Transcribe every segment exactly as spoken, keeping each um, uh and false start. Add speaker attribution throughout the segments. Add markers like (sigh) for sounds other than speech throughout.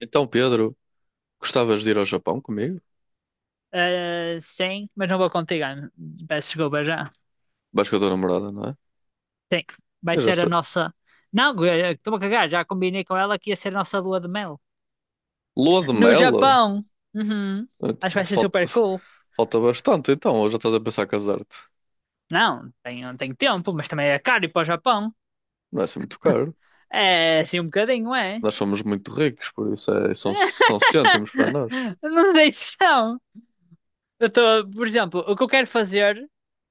Speaker 1: Então, Pedro, gostavas de ir ao Japão comigo?
Speaker 2: Ah, sim, mas não vou contigo, Ana. Peço desculpa já.
Speaker 1: Vais com a tua namorada, não é?
Speaker 2: Sim, vai
Speaker 1: Eu já
Speaker 2: ser a
Speaker 1: sei.
Speaker 2: nossa. Não, eh, estou a cagar, já combinei com ela que ia ser a nossa lua de mel.
Speaker 1: Lua de
Speaker 2: No
Speaker 1: mel?
Speaker 2: Japão! Uhum. Acho que vai ser
Speaker 1: Falta,
Speaker 2: super cool.
Speaker 1: falta bastante, então. Ou já estás a pensar casar-te?
Speaker 2: Não, tenho, tenho tempo, mas também é caro ir para o Japão.
Speaker 1: Não é assim muito caro.
Speaker 2: É assim um bocadinho, é?
Speaker 1: Nós somos muito ricos, por isso é- são,
Speaker 2: (laughs)
Speaker 1: são cêntimos para nós.
Speaker 2: Não deixo, não. Eu estou, por exemplo, o que eu quero fazer,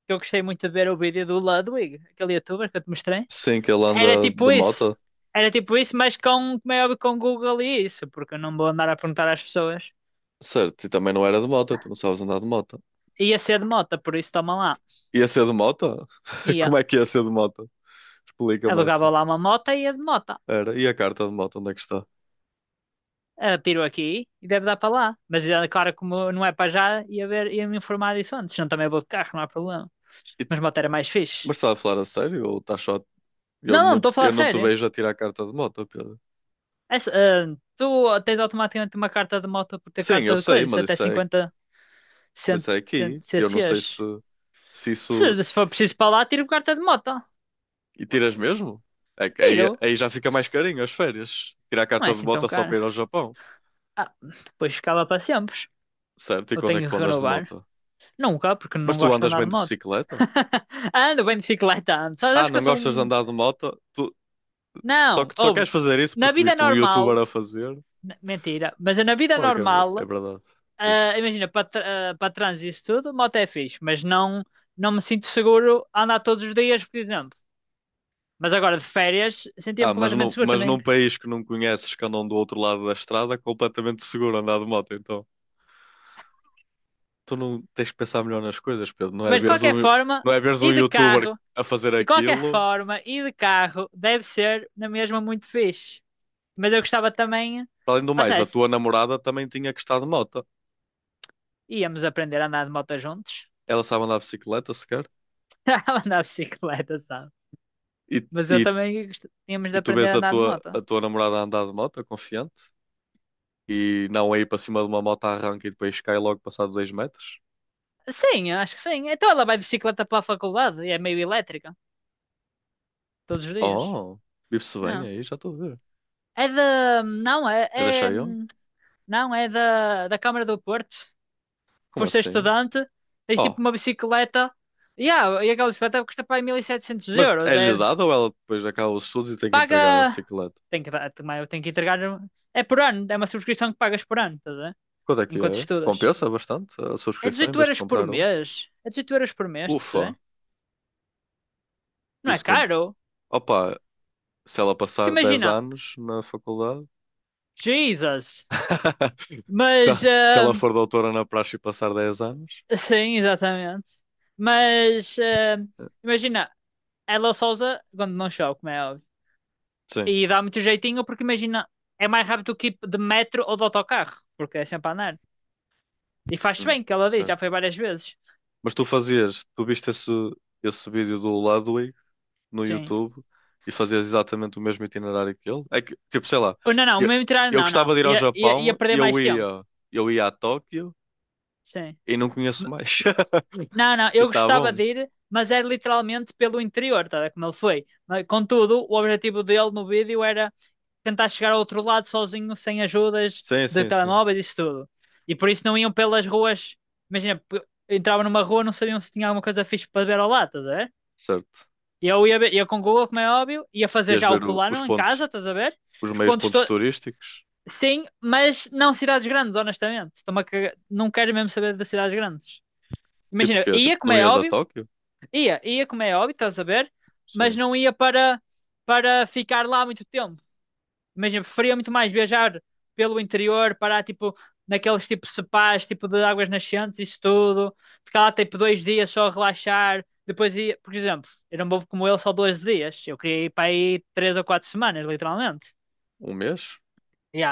Speaker 2: que eu gostei muito de ver é o vídeo do Ludwig, aquele youtuber que eu te mostrei.
Speaker 1: Sim, que ele
Speaker 2: Era
Speaker 1: anda
Speaker 2: tipo
Speaker 1: de
Speaker 2: isso.
Speaker 1: moto.
Speaker 2: Era tipo isso, mas com, como é óbvio, com Google e isso, porque eu não vou andar a perguntar às pessoas.
Speaker 1: Certo, e também não era de moto, tu não sabes andar de moto.
Speaker 2: Ia ser de moto, por isso toma lá.
Speaker 1: Ia ser de moto? (laughs)
Speaker 2: Ia.
Speaker 1: Como é que ia ser de moto? Explica-me essa.
Speaker 2: Alugava lá uma moto e ia de moto.
Speaker 1: Era. E a carta de moto, onde é que está?
Speaker 2: Ah, tiro aqui e deve dar para lá. Mas é claro, como não é para já, ia ver, ia me informar disso antes. Não, também vou de carro, não há problema.
Speaker 1: E-
Speaker 2: Mas moto era mais fixe.
Speaker 1: mas estás a falar a sério ou estás só a Eu
Speaker 2: Não, não,
Speaker 1: não,
Speaker 2: estou a
Speaker 1: te- eu
Speaker 2: falar
Speaker 1: não te
Speaker 2: sério.
Speaker 1: vejo a tirar a carta de moto, Pedro.
Speaker 2: Essa, ah, tu tens automaticamente uma carta de moto por ter
Speaker 1: Sim, eu
Speaker 2: carta de
Speaker 1: sei,
Speaker 2: coisas,
Speaker 1: mas
Speaker 2: até
Speaker 1: isso é,
Speaker 2: cinquenta
Speaker 1: mas
Speaker 2: cent,
Speaker 1: isso é
Speaker 2: cent,
Speaker 1: aqui. Eu não sei se,
Speaker 2: C Cs.
Speaker 1: se isso.
Speaker 2: Se, se for preciso para lá, tiro carta de moto.
Speaker 1: E tiras mesmo? É que aí,
Speaker 2: Tiro.
Speaker 1: aí já fica mais carinho as férias. Tirar a
Speaker 2: Não é
Speaker 1: carta de
Speaker 2: assim tão
Speaker 1: moto só
Speaker 2: caro.
Speaker 1: para ir ao Japão.
Speaker 2: Ah, depois ficava para sempre.
Speaker 1: Certo? E
Speaker 2: Eu
Speaker 1: quando é que
Speaker 2: tenho
Speaker 1: tu
Speaker 2: que
Speaker 1: andas de
Speaker 2: renovar.
Speaker 1: moto?
Speaker 2: Nunca, porque
Speaker 1: Mas
Speaker 2: não
Speaker 1: tu
Speaker 2: gosto de
Speaker 1: andas
Speaker 2: andar
Speaker 1: bem
Speaker 2: de
Speaker 1: de
Speaker 2: moto.
Speaker 1: bicicleta?
Speaker 2: (laughs) Ando bem de bicicleta, ando. Só
Speaker 1: Ah,
Speaker 2: sabes que eu
Speaker 1: não
Speaker 2: sou
Speaker 1: gostas de
Speaker 2: um.
Speaker 1: andar de moto? Tu, tu só,
Speaker 2: Não,
Speaker 1: tu só
Speaker 2: ouve.
Speaker 1: queres fazer isso
Speaker 2: Na
Speaker 1: porque
Speaker 2: vida
Speaker 1: viste um youtuber
Speaker 2: normal.
Speaker 1: a fazer?
Speaker 2: n- Mentira, mas na vida
Speaker 1: Claro que é, ver- é
Speaker 2: normal,
Speaker 1: verdade. Diz.
Speaker 2: ah, imagina, para tra- ah, para trânsito e isso tudo, moto é fixe, mas não, não me sinto seguro a andar todos os dias, por exemplo. Mas agora de férias, sentia-me
Speaker 1: Ah, mas,
Speaker 2: completamente
Speaker 1: no,
Speaker 2: seguro
Speaker 1: mas
Speaker 2: também.
Speaker 1: num país que não conheces, que andam do outro lado da estrada, é completamente seguro andar de moto, então. Tu não tens que pensar melhor nas coisas, Pedro. Não é
Speaker 2: Mas de
Speaker 1: veres
Speaker 2: qualquer
Speaker 1: um,
Speaker 2: forma,
Speaker 1: não é veres um
Speaker 2: e de
Speaker 1: youtuber
Speaker 2: carro?
Speaker 1: a fazer
Speaker 2: De qualquer
Speaker 1: aquilo.
Speaker 2: forma, e de carro, deve ser na mesma muito fixe. Mas eu gostava também.
Speaker 1: Além do
Speaker 2: Lá
Speaker 1: mais,
Speaker 2: está,
Speaker 1: a
Speaker 2: se-
Speaker 1: tua namorada também tinha que estar de moto.
Speaker 2: íamos aprender a andar de moto juntos.
Speaker 1: Ela sabe andar de bicicleta sequer.
Speaker 2: (laughs) A andar de bicicleta, sabe?
Speaker 1: E,
Speaker 2: Mas
Speaker 1: e,
Speaker 2: eu também gost- tínhamos de
Speaker 1: e tu
Speaker 2: aprender
Speaker 1: vês
Speaker 2: a
Speaker 1: a
Speaker 2: andar de
Speaker 1: tua,
Speaker 2: moto.
Speaker 1: a tua namorada a andar de moto, confiante, e não a ir para cima de uma moto à arranca e depois cai logo passado dois metros.
Speaker 2: Sim, eu acho que sim. Então ela vai de bicicleta pela faculdade e é meio elétrica. Todos os dias.
Speaker 1: Oh, vive-se bem
Speaker 2: Não.
Speaker 1: aí, já estou a ver.
Speaker 2: É da. Não, é.
Speaker 1: É da
Speaker 2: é-
Speaker 1: Xiaomi?
Speaker 2: Não, é da, da Câmara do Porto.
Speaker 1: Como
Speaker 2: Por ser
Speaker 1: assim?
Speaker 2: estudante, tens
Speaker 1: Oh,
Speaker 2: tipo uma bicicleta. Yeah, e aquela bicicleta custa para aí mil e setecentos
Speaker 1: mas
Speaker 2: euros.
Speaker 1: é-lhe
Speaker 2: É
Speaker 1: dado ou ela depois acaba os estudos e tem que entregar a
Speaker 2: paga.
Speaker 1: bicicleta?
Speaker 2: Tem que, dar- também eu tenho que entregar. É por ano, é uma subscrição que pagas por ano, estás a ver?
Speaker 1: Quanto é que
Speaker 2: Enquanto
Speaker 1: é?
Speaker 2: estudas.
Speaker 1: Compensa bastante a
Speaker 2: É
Speaker 1: subscrição em
Speaker 2: 18
Speaker 1: vez de
Speaker 2: euros por
Speaker 1: comprar um?
Speaker 2: mês. É dezoito euros por mês, estás a
Speaker 1: Ufa,
Speaker 2: ver? Não é
Speaker 1: isso com...
Speaker 2: caro?
Speaker 1: Opa, se ela
Speaker 2: Porque
Speaker 1: passar dez
Speaker 2: imagina,
Speaker 1: anos na faculdade,
Speaker 2: Jesus.
Speaker 1: (laughs) se
Speaker 2: Mas,
Speaker 1: ela se
Speaker 2: ah,
Speaker 1: ela for doutora na praxe e passar dez anos,
Speaker 2: sim, exatamente. Mas, ah,
Speaker 1: eh,
Speaker 2: imagina, ela Souza, quando não chove, como é óbvio.
Speaker 1: sim,
Speaker 2: E dá muito jeitinho, porque imagina, é mais rápido que ir de metro ou de autocarro, porque é sempre a andar. E faz-se
Speaker 1: hum,
Speaker 2: bem, que ela diz, já
Speaker 1: certo.
Speaker 2: foi várias vezes.
Speaker 1: Mas tu fazias, tu viste esse, esse vídeo do Ludwig no
Speaker 2: Sim.
Speaker 1: YouTube e fazias exatamente o mesmo itinerário que ele? É que, tipo, sei lá,
Speaker 2: Oh, não, não,
Speaker 1: eu,
Speaker 2: mesmo tirar,
Speaker 1: eu
Speaker 2: não,
Speaker 1: gostava
Speaker 2: não.
Speaker 1: de ir ao
Speaker 2: Ia, ia, ia
Speaker 1: Japão e
Speaker 2: perder
Speaker 1: eu
Speaker 2: mais tempo.
Speaker 1: ia, eu ia a Tóquio
Speaker 2: Sim.
Speaker 1: e não
Speaker 2: M-
Speaker 1: conheço mais. (laughs)
Speaker 2: Não, não,
Speaker 1: E
Speaker 2: eu
Speaker 1: tá
Speaker 2: gostava
Speaker 1: bom.
Speaker 2: de ir, mas era literalmente pelo interior, tá, a ver como ele foi. Mas, contudo, o objetivo dele no vídeo era tentar chegar ao outro lado sozinho, sem ajudas
Speaker 1: Sim,
Speaker 2: de
Speaker 1: sim, sim.
Speaker 2: telemóveis, isso tudo. E por isso não iam pelas ruas. Imagina, p- entravam numa rua, não sabiam se tinha alguma coisa fixe para ver ao lado, estás a ver?
Speaker 1: Certo.
Speaker 2: E eu ia, ver- ia com o Google, como é óbvio, ia fazer
Speaker 1: Ias
Speaker 2: já o
Speaker 1: ver o- os
Speaker 2: plano em
Speaker 1: pontos,
Speaker 2: casa, estás a ver?
Speaker 1: os
Speaker 2: Os
Speaker 1: meios
Speaker 2: pontos
Speaker 1: pontos
Speaker 2: to
Speaker 1: turísticos.
Speaker 2: Sim, mas não cidades grandes, honestamente. Estou-me a cagar- Não quero mesmo saber das cidades grandes.
Speaker 1: Tipo o
Speaker 2: Imagina,
Speaker 1: quê? Tipo,
Speaker 2: ia como
Speaker 1: não
Speaker 2: é
Speaker 1: ias a
Speaker 2: óbvio,
Speaker 1: Tóquio?
Speaker 2: ia, ia como é óbvio, estás a ver? Mas
Speaker 1: Sim.
Speaker 2: não ia para, para ficar lá muito tempo. Imagina, preferia muito mais viajar pelo interior, parar tipo naqueles tipo sepais, tipo de águas nascentes, isso tudo. Ficar lá tipo dois dias só a relaxar. Depois ia, por exemplo, eu não vou como ele só dois dias. Eu queria ir para aí três ou quatro semanas, literalmente.
Speaker 1: Um mês?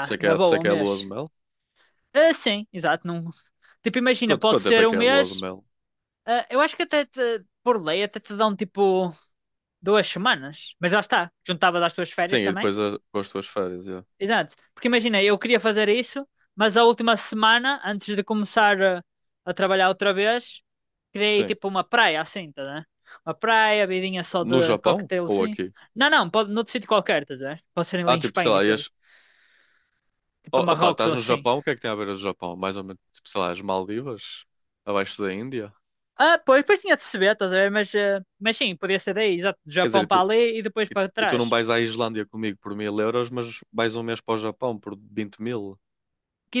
Speaker 1: Por isso é que
Speaker 2: na
Speaker 1: é, por isso é
Speaker 2: boa, um
Speaker 1: que é a
Speaker 2: mês.
Speaker 1: lua de mel?
Speaker 2: Ah, sim, exato. Não... Tipo, imagina,
Speaker 1: Quanto,
Speaker 2: pode
Speaker 1: quanto tempo é
Speaker 2: ser
Speaker 1: que
Speaker 2: um
Speaker 1: é a lua de
Speaker 2: mês.
Speaker 1: mel?
Speaker 2: Ah, eu acho que até te- por lei até te dão tipo duas semanas. Mas lá está, juntavas às tuas
Speaker 1: Sim,
Speaker 2: férias
Speaker 1: e
Speaker 2: também.
Speaker 1: depois a, com as tuas férias, é.
Speaker 2: Exato. Porque imagina, eu queria fazer isso, mas a última semana, antes de começar ah, a trabalhar outra vez, criei
Speaker 1: Sim.
Speaker 2: tipo uma praia assim, tá, né? Uma praia, vidinha só
Speaker 1: No
Speaker 2: de
Speaker 1: Japão ou
Speaker 2: cocktailzinho.
Speaker 1: aqui?
Speaker 2: Não, não, pode noutro sítio qualquer, estás a ver? Pode ser
Speaker 1: Ah,
Speaker 2: ali em
Speaker 1: tipo, sei
Speaker 2: Espanha e
Speaker 1: lá,
Speaker 2: tudo.
Speaker 1: ias. Oh,
Speaker 2: Tipo a
Speaker 1: opa,
Speaker 2: Marrocos
Speaker 1: estás
Speaker 2: ou
Speaker 1: no
Speaker 2: assim.
Speaker 1: Japão, o que é que tem a ver o Japão? Mais ou menos, tipo, sei lá, as Maldivas? Abaixo da Índia?
Speaker 2: Ah, pois, depois tinha de se ver, estás a ver? Mas, eh, mas sim, podia ser daí, exato, do
Speaker 1: Quer dizer, e
Speaker 2: Japão para
Speaker 1: tu,
Speaker 2: ali e depois
Speaker 1: e,
Speaker 2: para
Speaker 1: e tu não
Speaker 2: trás.
Speaker 1: vais à Islândia comigo por mil euros, mas vais um mês para o Japão por vinte mil?
Speaker 2: Que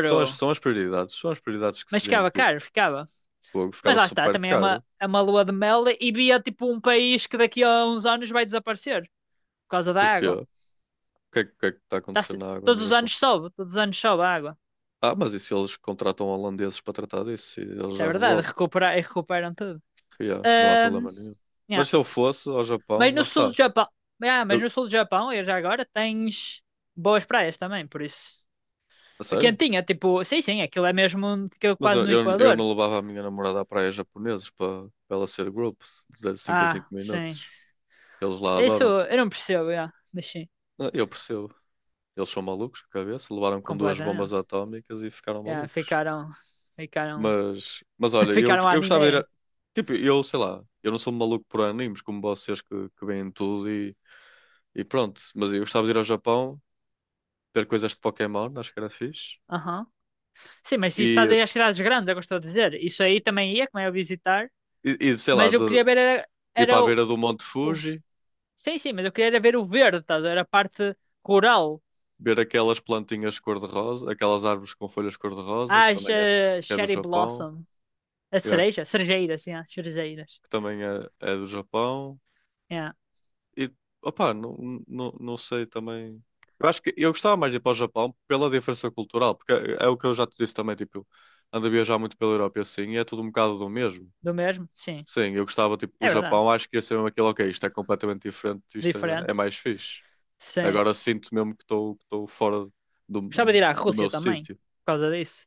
Speaker 1: São as, são as prioridades, são as prioridades que
Speaker 2: Mas
Speaker 1: se vêem,
Speaker 2: ficava
Speaker 1: tipo,
Speaker 2: caro, ficava.
Speaker 1: pô,
Speaker 2: Mas
Speaker 1: ficava
Speaker 2: lá está,
Speaker 1: super
Speaker 2: também é uma,
Speaker 1: caro.
Speaker 2: é uma lua de mel e via tipo um país que daqui a uns anos vai desaparecer por causa da
Speaker 1: Porquê?
Speaker 2: água.
Speaker 1: O que é, que o que é que está a
Speaker 2: Tá-
Speaker 1: acontecer
Speaker 2: tá-
Speaker 1: na água no
Speaker 2: Todos os
Speaker 1: Japão?
Speaker 2: anos sobe, todos os anos sobe a água.
Speaker 1: Ah, mas e se eles contratam holandeses para tratar disso? E eles
Speaker 2: Isso é
Speaker 1: já
Speaker 2: verdade,
Speaker 1: resolvem.
Speaker 2: recuperar, e recuperam tudo.
Speaker 1: Yeah, não há
Speaker 2: Ahm,
Speaker 1: problema nenhum. Mas
Speaker 2: yeah.
Speaker 1: se eu fosse ao Japão,
Speaker 2: Mas
Speaker 1: lá
Speaker 2: no sul do
Speaker 1: está.
Speaker 2: Japão, ah, mas
Speaker 1: Eu,
Speaker 2: no sul do Japão, e já agora, tens boas praias também, por isso.
Speaker 1: a sério?
Speaker 2: Quentinha, tipo, sim, sim, aquilo é mesmo que
Speaker 1: Mas
Speaker 2: quase
Speaker 1: eu,
Speaker 2: no
Speaker 1: eu, eu
Speaker 2: Equador.
Speaker 1: não levava a minha namorada à praia japonesa para para ela ser grupo de cinco em cinco
Speaker 2: Ah, sim.
Speaker 1: minutos. Eles lá
Speaker 2: Isso
Speaker 1: adoram.
Speaker 2: eu não percebo, yeah, mas sim,
Speaker 1: Ah, eu percebo. Eles são malucos de cabeça, levaram com duas bombas
Speaker 2: completamente.
Speaker 1: atómicas e ficaram
Speaker 2: Yeah,
Speaker 1: malucos.
Speaker 2: ficaram, ficaram,
Speaker 1: Mas, mas
Speaker 2: (laughs)
Speaker 1: olha, eu,
Speaker 2: ficaram
Speaker 1: eu gostava de ir
Speaker 2: anime.
Speaker 1: a... Tipo, eu sei lá, eu não sou um maluco por animes como vocês que, que veem tudo e, e pronto. Mas eu gostava de ir ao Japão, ver coisas de Pokémon, acho que era fixe.
Speaker 2: Aham. Sim, mas se estás
Speaker 1: E,
Speaker 2: aí às cidades grandes, é o que eu estou a dizer. Isso aí também ia, como é a visitar.
Speaker 1: e, e, sei lá,
Speaker 2: Mas eu
Speaker 1: de,
Speaker 2: queria
Speaker 1: de
Speaker 2: ver, era,
Speaker 1: ir para
Speaker 2: era
Speaker 1: a
Speaker 2: o,
Speaker 1: beira do Monte
Speaker 2: o-
Speaker 1: Fuji,
Speaker 2: Sim, sim, mas eu queria era ver o verde, estás a ver? A parte rural.
Speaker 1: ver aquelas plantinhas cor-de-rosa, aquelas árvores com folhas cor-de-rosa,
Speaker 2: Ah,
Speaker 1: que
Speaker 2: As
Speaker 1: também é, que
Speaker 2: eh,
Speaker 1: é do
Speaker 2: Cherry
Speaker 1: Japão,
Speaker 2: Blossom. A
Speaker 1: yeah, que,
Speaker 2: cereja, cerejeiras, yeah, cerejeiras.
Speaker 1: que também é, é do Japão.
Speaker 2: Yeah.
Speaker 1: E, opá, não, não, não sei também. Eu acho que eu gostava mais de ir para o Japão pela diferença cultural, porque é, é o que eu já te disse também, tipo, ando a viajar muito pela Europa e assim, e é tudo um bocado do mesmo.
Speaker 2: Do mesmo? Sim,
Speaker 1: Sim, eu gostava, tipo, o
Speaker 2: é verdade.
Speaker 1: Japão, acho que ia ser mesmo aquilo, ok, isto é completamente diferente, isto é, é
Speaker 2: Diferente.
Speaker 1: mais fixe.
Speaker 2: Sim.
Speaker 1: Agora sinto mesmo que estou que estou fora do,
Speaker 2: Gostava de ir à
Speaker 1: do
Speaker 2: Rússia
Speaker 1: meu
Speaker 2: também,
Speaker 1: sítio.
Speaker 2: por causa disso.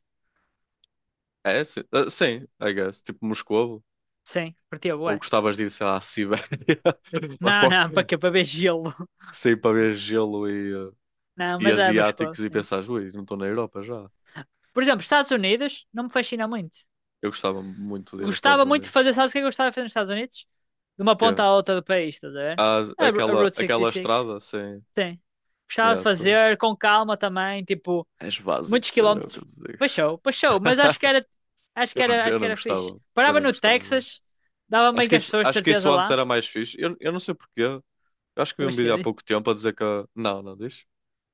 Speaker 1: É, sim, ah, sim, I guess, tipo Moscovo,
Speaker 2: Sim, curtia
Speaker 1: ou
Speaker 2: bué.
Speaker 1: gostavas de ir, sei lá, à Sibéria, (laughs) lá
Speaker 2: Não,
Speaker 1: para,
Speaker 2: não, (laughs) para quê? Para ver gelo.
Speaker 1: sim, para ver gelo e
Speaker 2: Não,
Speaker 1: eh, e
Speaker 2: mas é Moscou,
Speaker 1: asiáticos e
Speaker 2: sim.
Speaker 1: pensares, ui, não estou na Europa já.
Speaker 2: Por exemplo, Estados Unidos não me fascina muito.
Speaker 1: Eu gostava muito de
Speaker 2: Eu
Speaker 1: ir aos Estados
Speaker 2: gostava muito de
Speaker 1: Unidos.
Speaker 2: fazer, sabes o que é que eu gostava de fazer nos Estados Unidos? De uma
Speaker 1: Que é,
Speaker 2: ponta à outra do país, estás a ver?
Speaker 1: há
Speaker 2: A, Ru- a
Speaker 1: aquela,
Speaker 2: Route
Speaker 1: aquela
Speaker 2: sessenta e seis,
Speaker 1: estrada sem.
Speaker 2: sim. Gostava de
Speaker 1: Yeah, tu-
Speaker 2: fazer com calma também, tipo,
Speaker 1: és básico,
Speaker 2: muitos
Speaker 1: Pedro, é o que eu
Speaker 2: quilómetros.
Speaker 1: te digo.
Speaker 2: Baixou, baixou, mas acho que
Speaker 1: (laughs)
Speaker 2: era, acho
Speaker 1: Eu
Speaker 2: que era,
Speaker 1: não, eu
Speaker 2: acho que
Speaker 1: não
Speaker 2: era fixe.
Speaker 1: gostava. Eu
Speaker 2: Parava
Speaker 1: não
Speaker 2: no
Speaker 1: gostava muito.
Speaker 2: Texas, dava
Speaker 1: Acho
Speaker 2: bem com
Speaker 1: que
Speaker 2: as
Speaker 1: isso,
Speaker 2: pessoas de
Speaker 1: acho que
Speaker 2: certeza
Speaker 1: isso antes
Speaker 2: lá.
Speaker 1: era mais fixe. Eu, eu não sei porquê. Eu acho que vi
Speaker 2: Eu
Speaker 1: um
Speaker 2: acho que
Speaker 1: vídeo há
Speaker 2: é
Speaker 1: pouco tempo a dizer que. a- Não, não diz?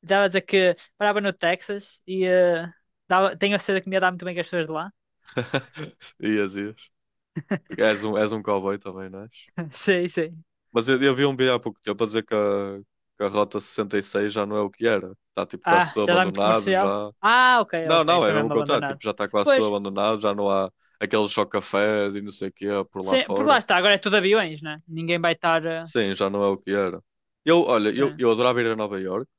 Speaker 2: Estava a dizer que morava no Texas e eh, dava, tenho a certeza que me ia dar muito bem com as pessoas de lá.
Speaker 1: (laughs) Ias, ias. Porque és um, és um cowboy também, não és?
Speaker 2: (laughs) Sim, sim.
Speaker 1: Mas eu, eu vi um vídeo há pouco tempo a dizer que a, que a Rota sessenta e seis já não é o que era. Está tipo quase
Speaker 2: Ah,
Speaker 1: tudo
Speaker 2: já dá muito
Speaker 1: abandonado
Speaker 2: comercial?
Speaker 1: já.
Speaker 2: Ah, ok,
Speaker 1: Não,
Speaker 2: ok.
Speaker 1: não, é
Speaker 2: Foi
Speaker 1: mesmo o
Speaker 2: mesmo
Speaker 1: contrário. Tipo,
Speaker 2: abandonado.
Speaker 1: já está quase tudo
Speaker 2: Pois,
Speaker 1: abandonado, já não há aqueles chocafés e não sei o quê por lá
Speaker 2: sim, porque lá
Speaker 1: fora.
Speaker 2: está, agora é tudo aviões, né? Ninguém vai estar. Eh,
Speaker 1: Sim, já não é o que era. Eu, olha, eu,
Speaker 2: sim.
Speaker 1: eu adorava ir a Nova Iorque,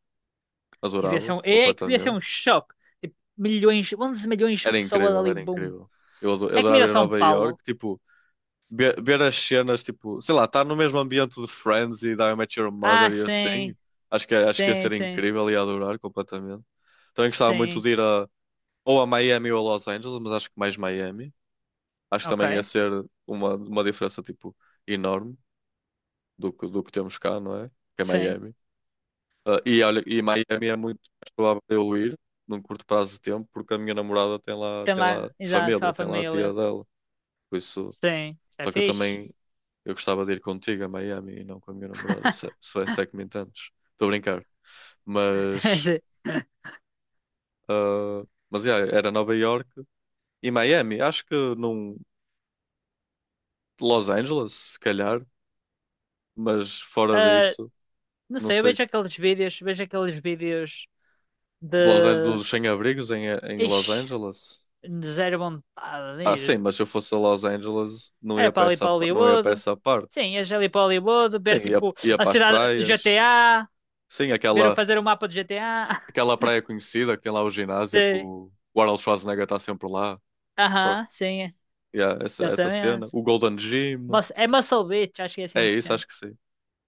Speaker 2: E devia ser
Speaker 1: adorava
Speaker 2: um, é que devia ser
Speaker 1: completamente.
Speaker 2: um choque. Tipo, milhões, onze milhões de
Speaker 1: Era
Speaker 2: pessoas
Speaker 1: incrível,
Speaker 2: ali,
Speaker 1: era
Speaker 2: boom.
Speaker 1: incrível. Eu, ado- eu
Speaker 2: É que
Speaker 1: adorava
Speaker 2: mira
Speaker 1: ir a
Speaker 2: São
Speaker 1: Nova
Speaker 2: Paulo.
Speaker 1: Iorque, tipo, ver, ver as cenas, tipo, sei lá, estar no mesmo ambiente de Friends e de How I Met Your
Speaker 2: Ah,
Speaker 1: Mother e assim.
Speaker 2: sim,
Speaker 1: Acho que, é, acho que ia
Speaker 2: sim,
Speaker 1: ser
Speaker 2: sim,
Speaker 1: incrível e ia adorar completamente. Também gostava muito
Speaker 2: sim.
Speaker 1: de ir a, ou a Miami ou a Los Angeles, mas acho que mais Miami. Acho que
Speaker 2: Ok,
Speaker 1: também ia ser uma, uma diferença tipo enorme do que, do que temos cá, não é? Que é
Speaker 2: sim.
Speaker 1: Miami. Ah, e olha, e Miami é muito mais provável eu ir num curto prazo de tempo porque a minha namorada tem lá,
Speaker 2: Tem
Speaker 1: tem lá
Speaker 2: lá, exato,
Speaker 1: família,
Speaker 2: a
Speaker 1: tem lá a tia
Speaker 2: família.
Speaker 1: dela. Por isso,
Speaker 2: Sim, isso é
Speaker 1: só que eu
Speaker 2: fixe.
Speaker 1: também eu gostava de ir contigo a Miami e não com a minha namorada, se, se, é- se é que me entendes. Estou a brincar. Mas,
Speaker 2: (laughs)
Speaker 1: ah, mas yeah, era Nova York e Miami. Acho que num Los Angeles, se calhar, mas fora
Speaker 2: Ah,
Speaker 1: disso.
Speaker 2: não
Speaker 1: Não
Speaker 2: sei, eu
Speaker 1: sei
Speaker 2: vejo aqueles vídeos, vejo aqueles vídeos de.
Speaker 1: de Los Angeles, dos sem-abrigos em, em Los
Speaker 2: Ixi,
Speaker 1: Angeles?
Speaker 2: de zero vontade de
Speaker 1: Ah,
Speaker 2: ir.
Speaker 1: sim, mas se eu fosse a Los Angeles, não ia
Speaker 2: Era
Speaker 1: para
Speaker 2: para ali
Speaker 1: essa,
Speaker 2: para
Speaker 1: pa- não ia para
Speaker 2: Hollywood.
Speaker 1: essa parte.
Speaker 2: Sim, ia ali para Hollywood, ver
Speaker 1: Sim, ia,
Speaker 2: tipo
Speaker 1: ia
Speaker 2: a
Speaker 1: para as
Speaker 2: cidade
Speaker 1: praias.
Speaker 2: G T A,
Speaker 1: Sim,
Speaker 2: ver eu
Speaker 1: aquela,
Speaker 2: fazer o mapa do G T A.
Speaker 1: aquela praia conhecida que tem lá o
Speaker 2: (laughs)
Speaker 1: ginásio, que
Speaker 2: Sim,
Speaker 1: o, o Arnold Schwarzenegger está sempre lá. Co-
Speaker 2: aham, sim,
Speaker 1: Yeah, essa, essa cena.
Speaker 2: exatamente.
Speaker 1: O Golden Gym.
Speaker 2: Mas é Muscle Beach, acho que é
Speaker 1: É
Speaker 2: assim que se
Speaker 1: isso,
Speaker 2: chama.
Speaker 1: acho que sim.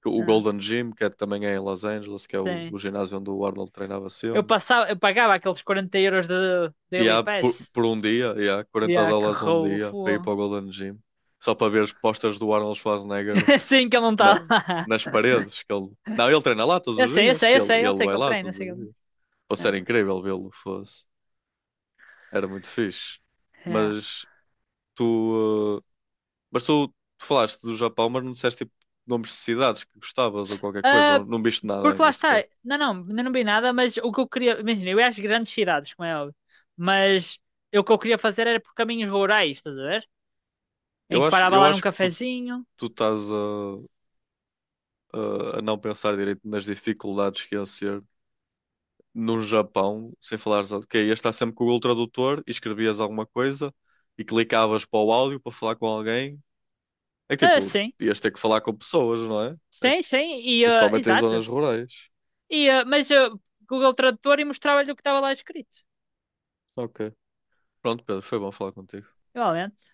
Speaker 1: O
Speaker 2: Ah,
Speaker 1: Golden Gym, que é- também é em Los Angeles, que é o,
Speaker 2: sim.
Speaker 1: o ginásio onde o Arnold treinava
Speaker 2: Eu
Speaker 1: sempre.
Speaker 2: passava, eu pagava aqueles quarenta euros de
Speaker 1: E
Speaker 2: Daily
Speaker 1: há por,
Speaker 2: Pass.
Speaker 1: por um dia, e há
Speaker 2: E
Speaker 1: quarenta
Speaker 2: ah, que
Speaker 1: dólares um
Speaker 2: roubo,
Speaker 1: dia para ir
Speaker 2: fogo.
Speaker 1: para o Golden Gym, só para ver as postas do Arnold Schwarzenegger
Speaker 2: (laughs) Sim, que ele não está
Speaker 1: na-
Speaker 2: lá.
Speaker 1: nas paredes. Que ele... Não, ele treina lá todos
Speaker 2: Eu
Speaker 1: os
Speaker 2: sei, eu
Speaker 1: dias,
Speaker 2: sei, eu sei,
Speaker 1: ele,
Speaker 2: eu
Speaker 1: ele
Speaker 2: sei que
Speaker 1: vai
Speaker 2: ele
Speaker 1: lá
Speaker 2: treina, eu
Speaker 1: todos os
Speaker 2: sei que ele.
Speaker 1: dias. Fosse
Speaker 2: Ah.
Speaker 1: era incrível vê-lo, fosse. Era muito fixe.
Speaker 2: É.
Speaker 1: Mas tu, eh, mas tu, tu falaste do Japão, mas não disseste tipo, nomes de cidades que gostavas ou qualquer coisa,
Speaker 2: Ah,
Speaker 1: ou não viste nada
Speaker 2: porque lá
Speaker 1: ainda
Speaker 2: está.
Speaker 1: sequer.
Speaker 2: Não, não, ainda não vi nada, mas o que eu queria. Imagina, eu ia às grandes cidades, como é óbvio. Mas eu, o que eu queria fazer era por caminhos rurais, estás a ver? Em
Speaker 1: Eu
Speaker 2: que
Speaker 1: acho,
Speaker 2: parava
Speaker 1: eu
Speaker 2: lá num
Speaker 1: acho que tu,
Speaker 2: cafezinho.
Speaker 1: tu estás a, a, a não pensar direito nas dificuldades que iam ser no Japão, sem falares, ok, ias estar sempre com o Google Tradutor e escrevias alguma coisa e clicavas para o áudio para falar com alguém. É que,
Speaker 2: Ah,
Speaker 1: tipo,
Speaker 2: sim.
Speaker 1: ias ter que falar com pessoas, não é? É,
Speaker 2: Sim, sim. E, ah,
Speaker 1: principalmente em
Speaker 2: exato.
Speaker 1: zonas rurais.
Speaker 2: E, ah, mas ah, Google Tradutor e mostrava-lhe o que estava lá escrito.
Speaker 1: Ok. Pronto, Pedro, foi bom falar contigo.
Speaker 2: Igualmente.